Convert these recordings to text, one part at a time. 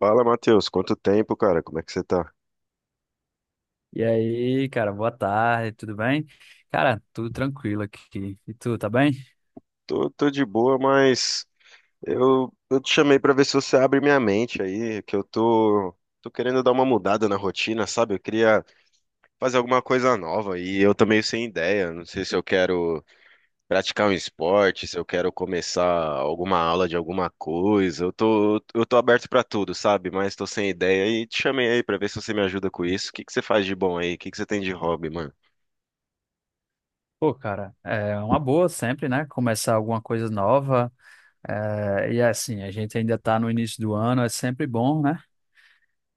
Fala, Matheus, quanto tempo, cara? Como é que você tá? E aí, cara, boa tarde, tudo bem? Cara, tudo tranquilo aqui. E tu, tá bem? Tô de boa, mas eu te chamei pra ver se você abre minha mente aí, que eu tô querendo dar uma mudada na rotina, sabe? Eu queria fazer alguma coisa nova e eu tô meio sem ideia. Não sei se eu quero praticar um esporte, se eu quero começar alguma aula de alguma coisa. Eu tô aberto pra tudo, sabe? Mas tô sem ideia e te chamei aí pra ver se você me ajuda com isso. O que que você faz de bom aí? O que que você tem de hobby, mano? Pô, cara, é uma boa sempre, né? Começar alguma coisa nova. É, e assim, a gente ainda tá no início do ano, é sempre bom, né?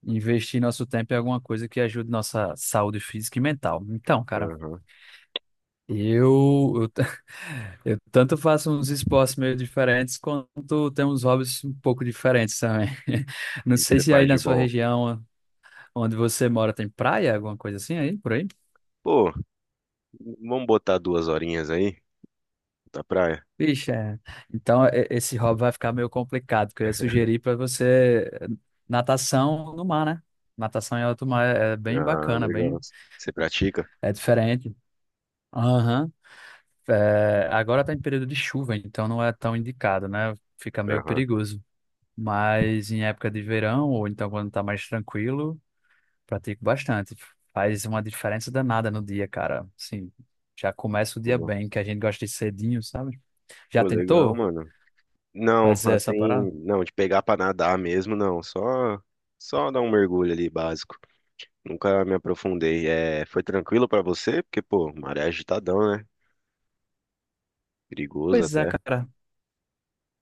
Investir nosso tempo em alguma coisa que ajude nossa saúde física e mental. Então, cara, Aham. O eu, eu, t- eu tanto faço uns esportes meio diferentes, quanto tenho uns hobbies um pouco diferentes também. Não que que sei você se aí faz na de sua bom? região. Onde você mora tem praia, alguma coisa assim aí, por aí? Pô. Vamos botar duas horinhas aí da praia? Vixe, é. Então esse hobby vai ficar meio complicado, porque eu ia sugerir para você natação no mar, né? Natação em alto mar é bem Ah, bacana, legal. bem Você pratica? é diferente. Aham. É, agora tá em período de chuva, então não é tão indicado, né? Fica meio Aham. perigoso. Mas em época de verão, ou então quando tá mais tranquilo, pratico bastante. Faz uma diferença danada no dia, cara. Sim, já começa o dia Pô, bem, que a gente gosta de cedinho, sabe? pô, Já legal, tentou mano. Não, fazer essa parada? assim, não, de pegar pra nadar mesmo, não. Só dar um mergulho ali básico. Nunca me aprofundei. É, foi tranquilo pra você? Porque, pô, maré é agitadão, né? Perigoso Pois é, até. cara.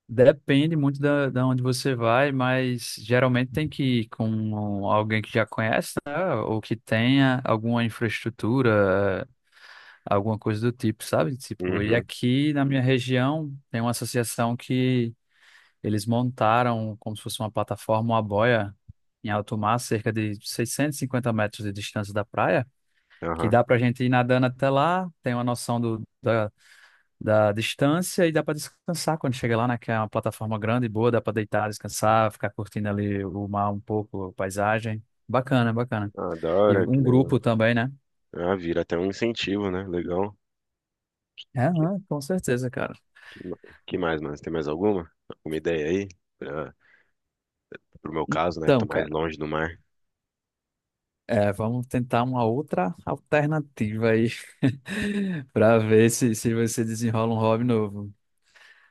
Depende muito da onde você vai, mas geralmente tem que ir com alguém que já conhece, né? Ou que tenha alguma infraestrutura, alguma coisa do tipo, sabe? Tipo, e Uhum. aqui na minha região tem uma associação que eles montaram como se fosse uma plataforma, uma boia em alto mar, cerca de 650 metros de distância da praia, que Aham. dá pra gente ir nadando até lá, tem uma noção do, da da distância e dá para descansar quando chega lá, né? Que é uma plataforma grande e boa, dá para deitar, descansar, ficar curtindo ali o mar um pouco, a paisagem. Bacana, bacana. Ah, da E hora, que um legal. grupo também, né? Ah, vira até um incentivo, né? Legal. É Que, aham, com certeza, cara. que, ma- que mais, mano? Você tem mais alguma? Alguma ideia aí? Pra, pro meu caso, né? Que tô Então, mais cara, longe do mar. é, vamos tentar uma outra alternativa aí para ver se você desenrola um hobby novo.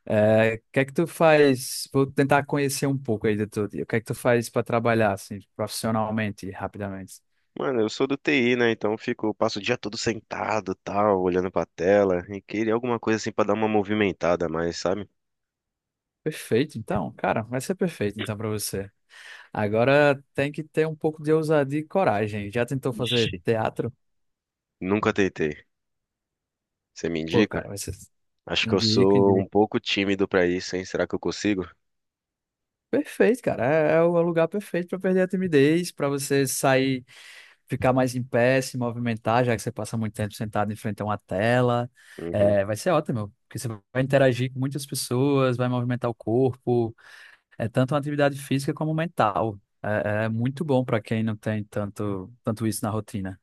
É, o que é que tu faz? Vou tentar conhecer um pouco aí do teu dia. O que é que tu faz para trabalhar assim, profissionalmente, rapidamente? Mano, eu sou do TI, né? Então eu fico, passo o dia todo sentado, tal, olhando pra tela. E queria alguma coisa assim pra dar uma movimentada a mais, sabe? Perfeito, então, cara, vai ser perfeito então para você. Agora tem que ter um pouco de ousadia e coragem. Já tentou fazer Ixi, teatro? nunca tentei. Você me Pô, cara, indica? vai ser Acho que eu indico, sou um indico. pouco tímido pra isso, hein? Será que eu consigo? Perfeito, cara. É, é o lugar perfeito para perder a timidez, para você sair, ficar mais em pé, se movimentar, já que você passa muito tempo sentado em frente a uma tela. Uhum. É, vai ser ótimo, porque você vai interagir com muitas pessoas, vai movimentar o corpo. É tanto uma atividade física como mental. É, é muito bom para quem não tem tanto isso na rotina.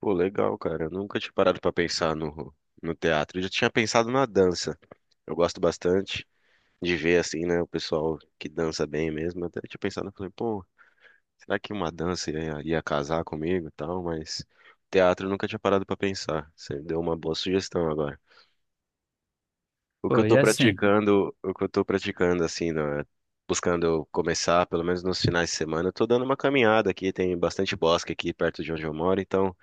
Pô, legal, cara. Eu nunca tinha parado pra pensar no teatro. Eu já tinha pensado na dança. Eu gosto bastante de ver, assim, né? O pessoal que dança bem mesmo. Até tinha pensado, falei, pô, será que uma dança ia casar comigo e tal? Mas teatro eu nunca tinha parado pra pensar. Você deu uma boa sugestão agora. Pô, e assim, O que eu tô praticando assim, na- Buscando começar, pelo menos nos finais de semana, eu tô dando uma caminhada aqui, tem bastante bosque aqui perto de onde eu moro, então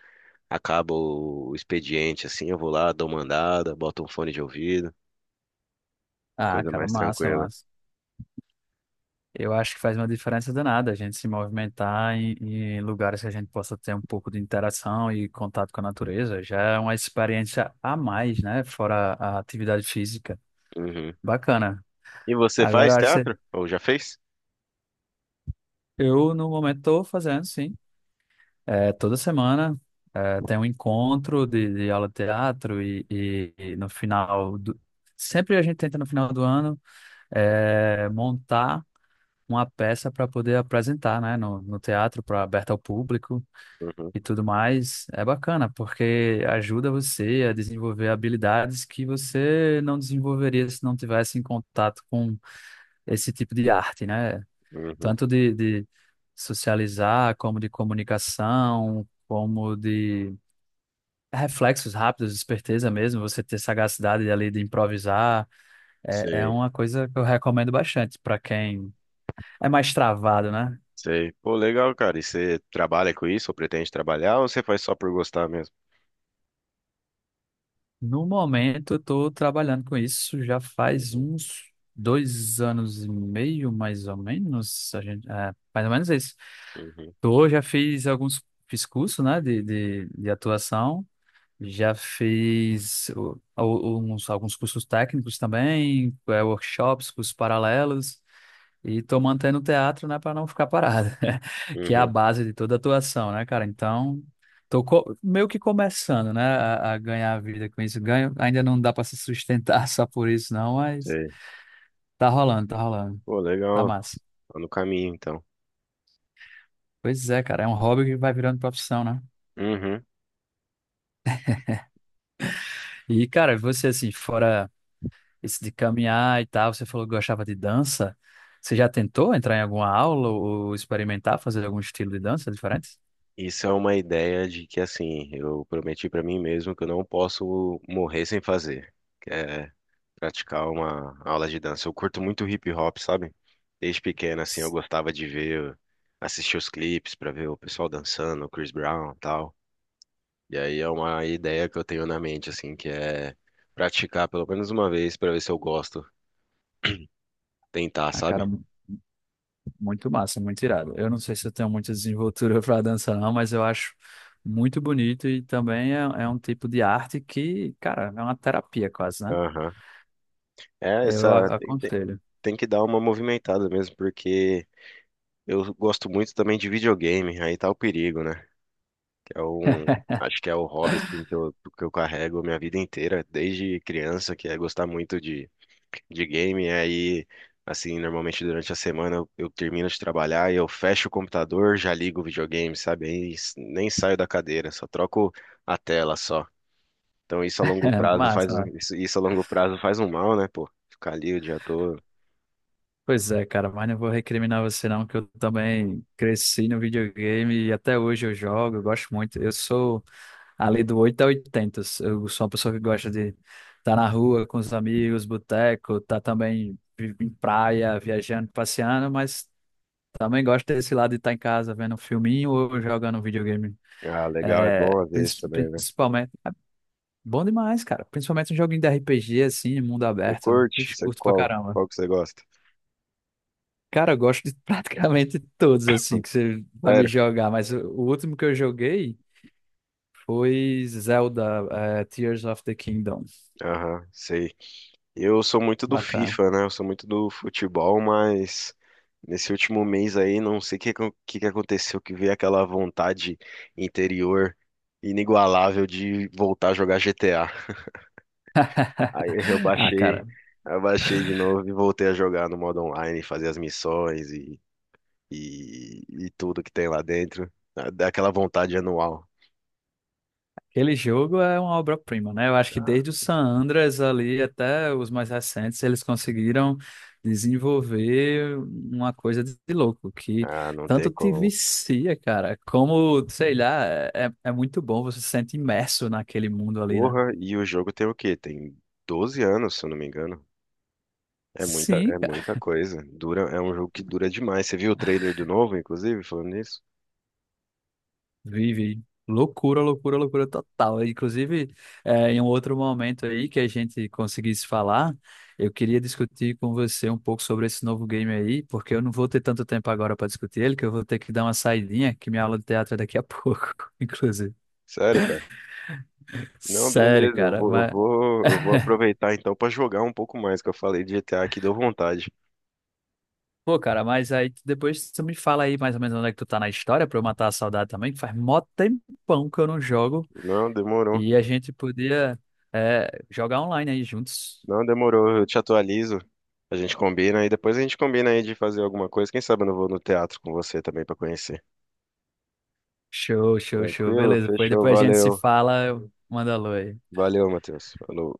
acaba o expediente assim, eu vou lá, dou uma andada, boto um fone de ouvido, ah, coisa cara, mais massa, tranquila. massa. Eu acho que faz uma diferença danada a gente se movimentar em lugares que a gente possa ter um pouco de interação e contato com a natureza. Já é uma experiência a mais, né? Fora a atividade física. Uhum. Bacana. E você Agora faz eu acho que teatro? Ou já fez? eu, no momento, estou fazendo, sim. É, toda semana é, tem um encontro de aula de teatro e no final do... Sempre a gente tenta, no final do ano, é, montar uma peça para poder apresentar, né, no teatro, para aberta ao público Uhum, e tudo mais. É bacana, porque ajuda você a desenvolver habilidades que você não desenvolveria se não tivesse em contato com esse tipo de arte, né? uhum. Tanto de socializar, como de comunicação, como de reflexos rápidos, esperteza mesmo, você ter sagacidade ali de improvisar. É, é Sei. uma coisa que eu recomendo bastante para quem é mais travado, né? Sei. Pô, legal, cara. E você trabalha com isso ou pretende trabalhar ou você faz só por gostar mesmo? No momento, eu tô trabalhando com isso já faz Uhum, uns 2 anos e meio, mais ou menos. A gente, é, mais ou menos isso. uhum, Eu já fiz alguns, fiz curso, né, de atuação. Já fiz uns, alguns cursos técnicos também, é, workshops, cursos paralelos. E tô mantendo o teatro, né, para não ficar parado, que é a uhum. base de toda atuação, né, cara? Então, meio que começando, né, a ganhar a vida com isso. Ganho, ainda não dá para se sustentar só por isso, não, mas Sei. tá rolando, tá rolando, Pô, tá legal. massa. Tá no caminho, então. Pois é, cara, é um hobby que vai virando profissão, né? Uhum. E, cara, você, assim, fora esse de caminhar e tal, você falou que gostava de dança, você já tentou entrar em alguma aula ou experimentar fazer algum estilo de dança diferente? Isso é uma ideia de que, assim, eu prometi pra mim mesmo que eu não posso morrer sem fazer. Que é praticar uma aula de dança. Eu curto muito hip hop, sabe? Desde pequeno, assim, eu gostava de ver, assistir os clipes pra ver o pessoal dançando, o Chris Brown e tal. E aí é uma ideia que eu tenho na mente, assim, que é praticar pelo menos uma vez pra ver se eu gosto. Tentar, Ah, cara, sabe? muito massa, muito irado. Eu não sei se eu tenho muita desenvoltura para dança, não, mas eu acho muito bonito e também é um tipo de arte que, cara, é uma terapia quase, né? Aham. É, Eu essa tem, tem- aconselho. tem que dar uma movimentada mesmo, porque eu gosto muito também de videogame, aí tá o perigo, né? Que é um, acho que é o hobby assim, que eu carrego a minha vida inteira, desde criança, que é gostar muito de game. Aí, assim, normalmente durante a semana eu termino de trabalhar e eu fecho o computador, já ligo o videogame, sabe? Aí nem saio da cadeira, só troco a tela só. Então É massa, né? Isso a longo prazo faz um mal, né, pô? Ficar ali o dia todo. Pois é, cara, mas não vou recriminar você, não, que eu também cresci no videogame e até hoje eu jogo, eu gosto muito. Eu sou ali do 8 a 80. Eu sou uma pessoa que gosta de estar na rua com os amigos, boteco, tá também em praia, viajando, passeando, mas. Também gosto desse lado de estar em casa vendo um filminho ou jogando um videogame. Ah, legal, é É, bom às vezes também, né? principalmente. Bom demais, cara. Principalmente um joguinho de RPG, assim, mundo Você aberto. curte? Ixi, Você curto pra qual? caramba. Qual que você gosta? Cara, eu gosto de praticamente todos, assim, que você vai me Sério? jogar. Mas o último que eu joguei foi Zelda, é, Tears of the Kingdom. Aham, sei. Eu sou muito do Bacana. FIFA, né? Eu sou muito do futebol, mas nesse último mês aí, não sei o que, que aconteceu, que veio aquela vontade interior inigualável de voltar a jogar GTA. Aí Ah, cara. eu baixei de novo e voltei a jogar no modo online, fazer as missões e tudo que tem lá dentro. Dá aquela vontade anual. Aquele jogo é uma obra-prima, né? Eu acho que Ah, desde o San Andreas ali até os mais recentes, eles conseguiram desenvolver uma coisa de louco, que ah, não tanto tem te como. vicia, cara, como, sei lá, é muito bom, você se sente imerso naquele mundo ali, né? Porra, e o jogo tem o quê? Tem 12 anos, se eu não me engano. É muita, é Sim, muita coisa. Dura, é um jogo que dura demais. Você viu o trailer do novo, inclusive, falando nisso? vive. Loucura, loucura, loucura total. Inclusive, em um outro momento aí que a gente conseguisse falar, eu queria discutir com você um pouco sobre esse novo game aí, porque eu não vou ter tanto tempo agora para discutir ele, que eu vou ter que dar uma saidinha, que minha aula de teatro é daqui a pouco, inclusive. Sério, cara? Não, Sério, beleza. Eu cara, vou, eu mas... vou, eu vou aproveitar então pra jogar um pouco mais, que eu falei de GTA aqui, deu vontade. Pô, cara, mas aí depois tu me fala aí mais ou menos onde é que tu tá na história pra eu matar a saudade também, que faz mó tempão que eu não jogo Não, demorou. e a gente podia, jogar online aí juntos. Não, demorou. Eu te atualizo. A gente combina e depois a gente combina aí de fazer alguma coisa. Quem sabe eu não vou no teatro com você também pra conhecer. Show, show, show. Tranquilo? Beleza, pois Fechou. depois a gente se Valeu. fala, eu mando alô aí. Valeu, Matheus. Falou.